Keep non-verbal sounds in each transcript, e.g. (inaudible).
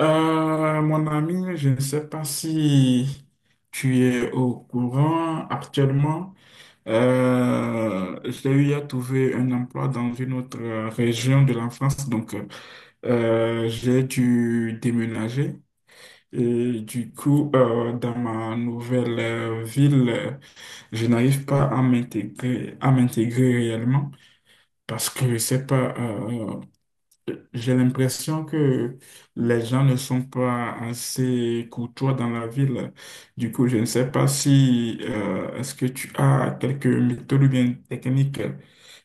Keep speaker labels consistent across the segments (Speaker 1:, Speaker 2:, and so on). Speaker 1: Mon ami, je ne sais pas si tu es au courant actuellement. J'ai eu à trouver un emploi dans une autre région de la France, donc j'ai dû déménager. Et du coup, dans ma nouvelle ville, je n'arrive pas à m'intégrer, à m'intégrer réellement parce que je sais pas. J'ai l'impression que les gens ne sont pas assez courtois dans la ville. Du coup, je ne sais pas si est-ce que tu as quelques méthodes ou bien techniques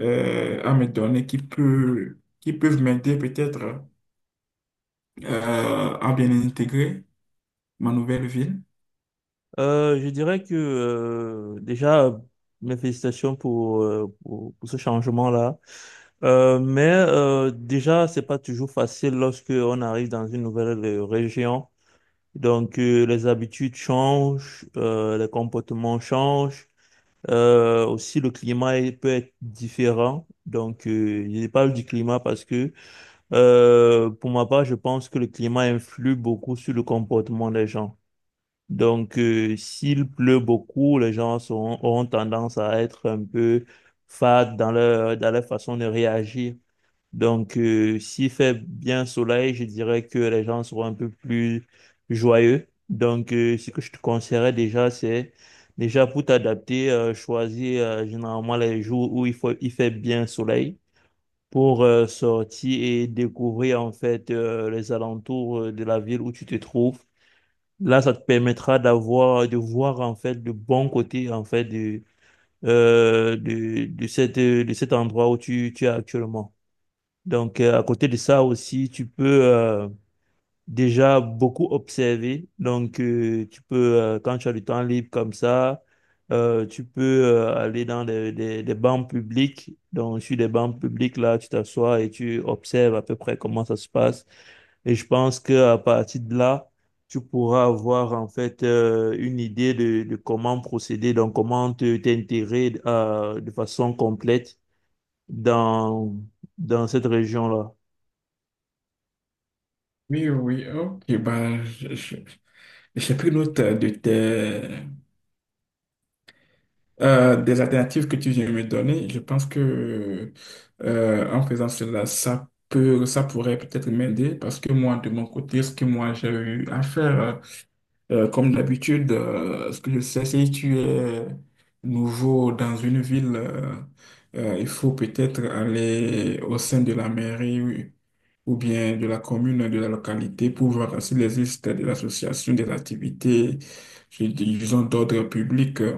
Speaker 1: à me donner qui qui peuvent m'aider peut-être à bien intégrer ma nouvelle ville.
Speaker 2: Je dirais que déjà, mes félicitations pour, pour ce changement-là. Mais déjà, c'est pas toujours facile lorsque on arrive dans une nouvelle région. Donc, les habitudes changent, les comportements changent. Aussi, peut être différent. Donc, je parle du climat parce que, pour ma part, je pense que le climat influe beaucoup sur le comportement des gens. Donc, s'il pleut beaucoup, auront tendance à être un peu fades dans dans leur façon de réagir. Donc, s'il fait bien soleil, je dirais que les gens seront un peu plus joyeux. Donc, ce que je te conseillerais déjà, c'est déjà pour t'adapter, choisir généralement les jours où il fait bien soleil pour sortir et découvrir en fait les alentours de la ville où tu te trouves. Là, ça te permettra de voir en fait le bon côté en fait de, de de cet endroit où tu es actuellement. Donc, à côté de ça aussi, déjà beaucoup observé. Donc, quand tu as du temps libre comme ça, tu peux aller dans des bancs publics. Donc, sur des bancs publics, là, tu t'assois et tu observes à peu près comment ça se passe. Et je pense qu'à partir de là, tu pourras avoir en fait une idée de comment procéder, donc comment te t'intégrer de façon complète dans, dans cette région-là.
Speaker 1: Oui, oui, ok. Ben, j'ai pris note de des alternatives que tu viens de me donner, je pense que en faisant cela, ça peut, ça pourrait peut-être m'aider parce que moi, de mon côté, ce que moi j'ai eu à faire, comme d'habitude, ce que je sais, si tu es nouveau dans une ville, il faut peut-être aller au sein de la mairie oui, ou bien de la commune, de la localité, pour voir s'il existe de l'association des activités, disons, d'ordre public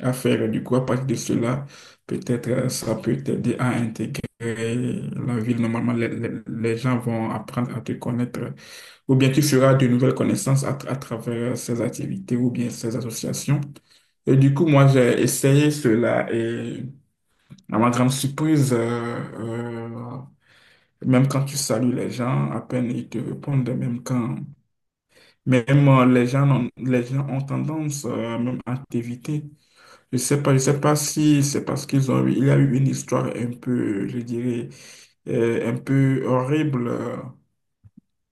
Speaker 1: à faire. Du coup, à partir de cela, peut-être ça peut t'aider à intégrer la ville. Normalement, les gens vont apprendre à te connaître. Ou bien tu feras de nouvelles connaissances à travers ces activités ou bien ces associations. Et du coup, moi, j'ai essayé cela et à ma grande surprise, même quand tu salues les gens, à peine ils te répondent, même Même les gens, les gens ont tendance même à t'éviter. Je sais pas si c'est parce qu'ils ont eu, il y a eu une histoire un peu, je dirais, un peu horrible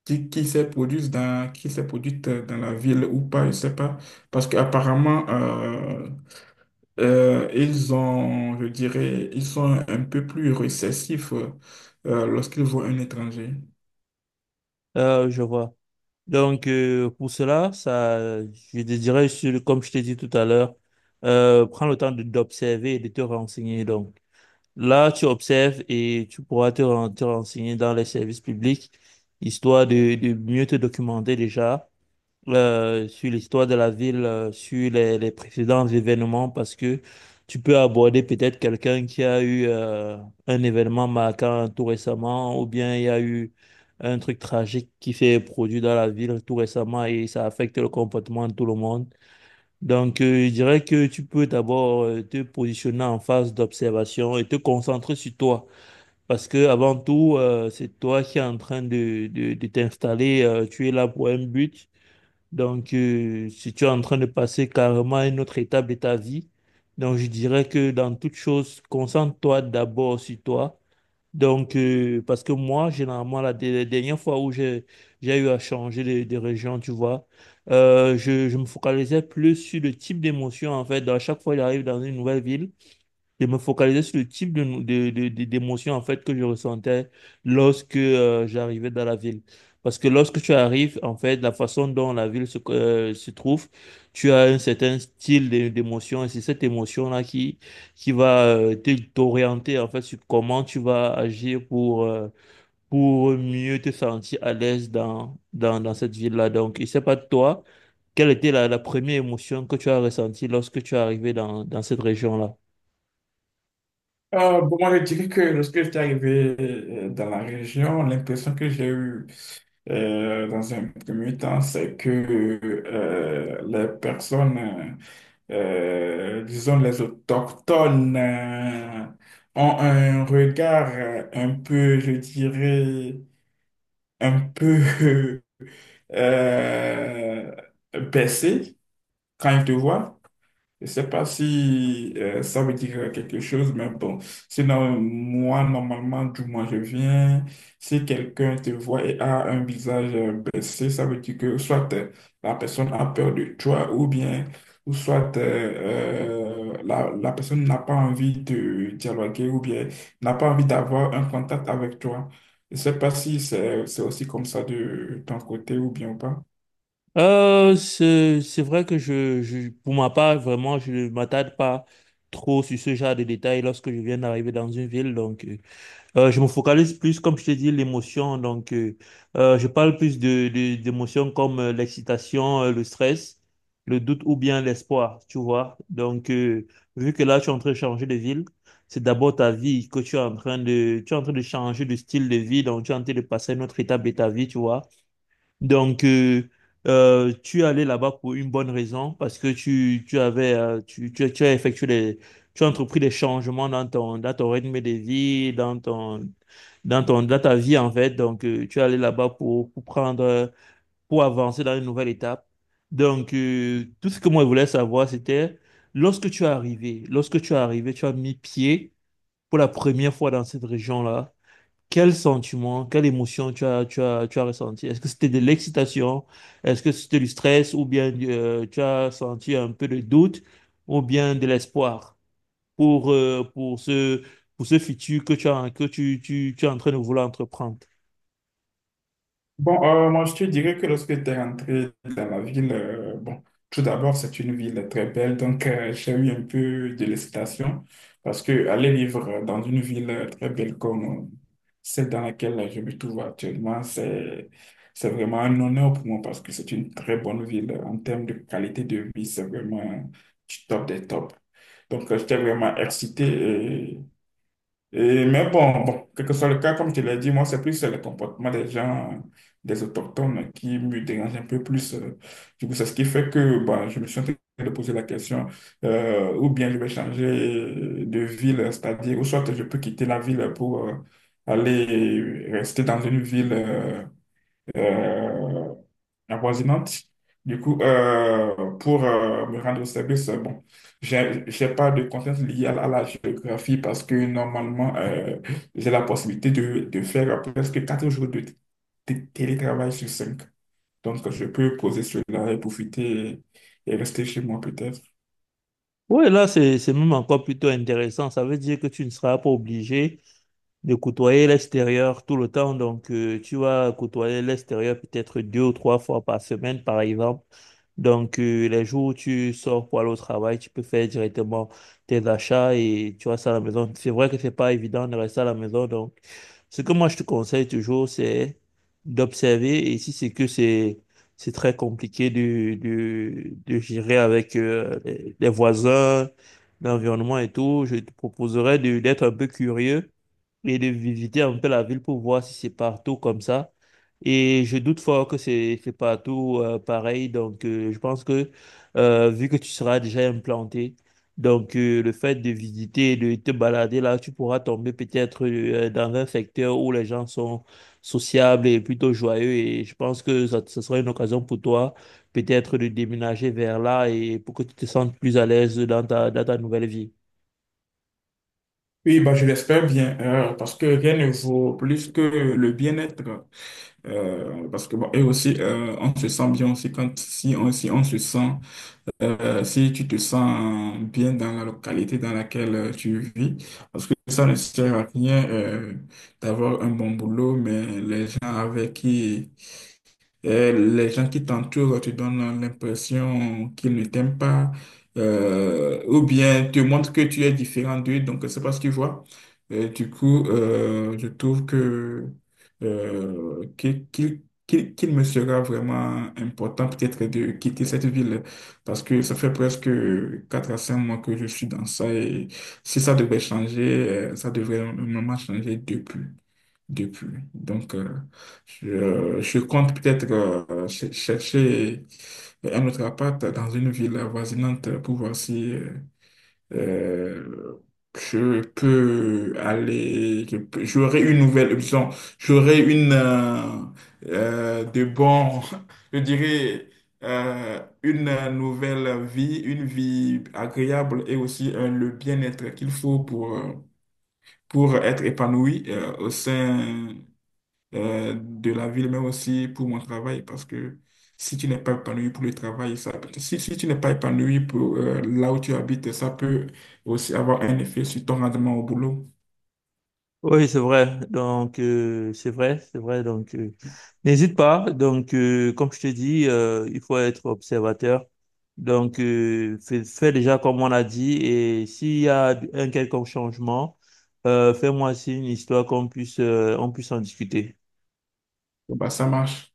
Speaker 1: qui s'est produite qui s'est produite dans la ville ou pas, je sais pas. Parce qu'apparemment, ils ont, je dirais, ils sont un peu plus récessifs lorsqu'ils voient un étranger.
Speaker 2: Je vois. Donc, pour cela, ça, je désirais, comme je t'ai dit tout à l'heure, prends le temps d'observer et de te renseigner. Donc, là, tu observes et tu pourras te renseigner dans les services publics, histoire de mieux te documenter déjà sur l'histoire de la ville, sur les précédents événements, parce que tu peux aborder peut-être quelqu'un qui a eu un événement marquant tout récemment, ou bien il y a eu un truc tragique qui s'est produit dans la ville tout récemment et ça affecte le comportement de tout le monde. Donc, je dirais que tu peux d'abord te positionner en phase d'observation et te concentrer sur toi. Parce que avant tout, c'est toi qui es en train de, de t'installer. Tu es là pour un but. Donc, si tu es en train de passer carrément à une autre étape de ta vie, donc je dirais que dans toute chose, concentre-toi d'abord sur toi. Donc, parce que moi, généralement, la dernière fois où j'ai eu à changer de région, tu vois, je me focalisais plus sur le type d'émotion, en fait. À chaque fois, j'arrive dans une nouvelle ville de me focaliser sur le type de, d'émotion en fait que je ressentais lorsque j'arrivais dans la ville. Parce que lorsque tu arrives, en fait, la façon dont la ville se trouve, tu as un certain d'émotion et c'est cette émotion-là qui va t'orienter en fait sur comment tu vas agir pour mieux te sentir à l'aise dans, dans, dans cette ville-là. Donc, je ne sais pas toi, quelle était la première émotion que tu as ressentie lorsque tu es arrivé dans, dans cette région-là?
Speaker 1: Bon, moi, je dirais que lorsque j'étais arrivé dans la région, l'impression que j'ai eue dans un premier temps, c'est que les personnes, euh, disons les autochtones, ont un regard un peu, je dirais, un peu (laughs) euh, baissé quand ils te voient. Je ne sais pas si ça veut dire quelque chose, mais bon. Sinon, moi, normalement, du moins, je viens. Si quelqu'un te voit et a un visage baissé, ça veut dire que soit la personne a peur de toi ou bien, ou soit la personne n'a pas envie de dialoguer ou bien n'a pas envie d'avoir un contact avec toi. Je ne sais pas si c'est aussi comme ça de ton côté ou bien ou pas.
Speaker 2: C'est vrai que pour ma part, vraiment, je ne m'attarde pas trop sur ce genre de détails lorsque je viens d'arriver dans une ville. Donc, je me focalise plus, comme je te dis, l'émotion. Donc, je parle plus de, d'émotions comme l'excitation, le stress, le doute ou bien l'espoir, tu vois. Donc, vu que là, tu es en train de changer de ville, c'est d'abord ta vie que tu es en train de, tu es en train de changer de style de vie. Donc, tu es en train de passer à une autre étape de ta vie, tu vois. Donc, tu es allé là-bas pour une bonne raison, parce que tu avais, tu as effectué les, tu as entrepris des changements dans ton rythme de vie, dans ton, dans ton, dans ta vie, en fait. Donc, tu es allé là-bas pour prendre, pour avancer dans une nouvelle étape. Donc, tout ce que moi je voulais savoir, c'était lorsque tu es arrivé, tu as mis pied pour la première fois dans cette région-là. Quel sentiment, quelle émotion tu as ressenti? Est-ce que c'était de l'excitation? Est-ce que c'était du stress? Ou bien tu as senti un peu de doute? Ou bien de l'espoir pour, euh, pour ce, pour ce futur que tu as, que tu es en train de vouloir entreprendre?
Speaker 1: Bon, moi, je te dirais que lorsque tu es rentré dans la ville, bon, tout d'abord, c'est une ville très belle, donc j'ai eu un peu de l'excitation parce que aller vivre dans une ville très belle comme celle dans laquelle je me trouve actuellement, c'est vraiment un honneur pour moi parce que c'est une très bonne ville en termes de qualité de vie, c'est vraiment du top des tops. Donc, j'étais vraiment excité. Et, mais bon, quel que soit le cas, comme tu l'as dit, moi, c'est plus le comportement des gens, des autochtones, qui me dérange un peu plus. Du coup, c'est ce qui fait que bah, je me suis en train de poser la question, ou bien je vais changer de ville, c'est-à-dire, ou soit je peux quitter la ville pour aller rester dans une ville euh, avoisinantes. Du coup, pour me rendre au service, bon, j'ai pas de contraintes liées à la géographie parce que normalement, j'ai la possibilité de faire presque 4 jours de télétravail sur 5. Donc, je peux poser cela et profiter et rester chez moi peut-être.
Speaker 2: Oui, là, c'est même encore plutôt intéressant. Ça veut dire que tu ne seras pas obligé de côtoyer l'extérieur tout le temps. Donc, tu vas côtoyer l'extérieur peut-être deux ou trois fois par semaine, par exemple. Donc, les jours où tu sors pour aller au travail, tu peux faire directement tes achats et tu restes à la maison. C'est vrai que c'est pas évident de rester à la maison. Donc, ce que moi, je te conseille toujours, c'est d'observer. Et si c'est que c'est très compliqué de gérer avec les voisins, l'environnement et tout, je te proposerais d'être un peu curieux et de visiter un peu la ville pour voir si c'est partout comme ça. Et je doute fort que c'est partout pareil. Donc, je pense que vu que tu seras déjà implanté, donc le fait de visiter, de te balader là, tu pourras tomber peut-être dans un secteur où les gens sont sociables et plutôt joyeux. Et je pense que ça sera une occasion pour toi peut-être de déménager vers là et pour que tu te sentes plus à l'aise dans ta nouvelle vie.
Speaker 1: Oui, bah, je l'espère bien, parce que rien ne vaut plus que le bien-être. Parce que, bon, et aussi, on se sent bien aussi quand, si on se sent, si tu te sens bien dans la localité dans laquelle tu vis. Parce que ça ne sert à rien, d'avoir un bon boulot, mais les gens avec qui et les gens qui t'entourent te donnent l'impression qu'ils ne t'aiment pas, ou bien te montrent que tu es différent d'eux, donc c'est pas ce qu'ils voient. Et du coup, je trouve que euh, qu'il qu'il- qu'il me sera vraiment important peut-être de quitter cette ville parce que ça fait presque 4 à 5 mois que je suis dans ça et si ça devait changer, ça devrait vraiment changer depuis. Donc, je compte peut-être chercher un autre appart dans une ville avoisinante pour voir si euh, je peux aller, j'aurai une nouvelle, disons, j'aurai une euh, de bon, (laughs) je dirais, une nouvelle vie, une vie agréable et aussi le bien-être qu'il faut pour être épanoui au sein de la ville, mais aussi pour mon travail, parce que si tu n'es pas épanoui pour le travail, si, si tu n'es pas épanoui pour là où tu habites, ça peut aussi avoir un effet sur ton rendement au boulot.
Speaker 2: Oui, c'est vrai. Donc, c'est vrai, c'est vrai. Donc, n'hésite pas. Donc, comme je te dis, il faut être observateur. Donc, fais, fais déjà comme on a dit. Et s'il y a un quelconque changement, fais-moi signe histoire qu'on puisse, on puisse en discuter.
Speaker 1: Bon, bah, ça marche.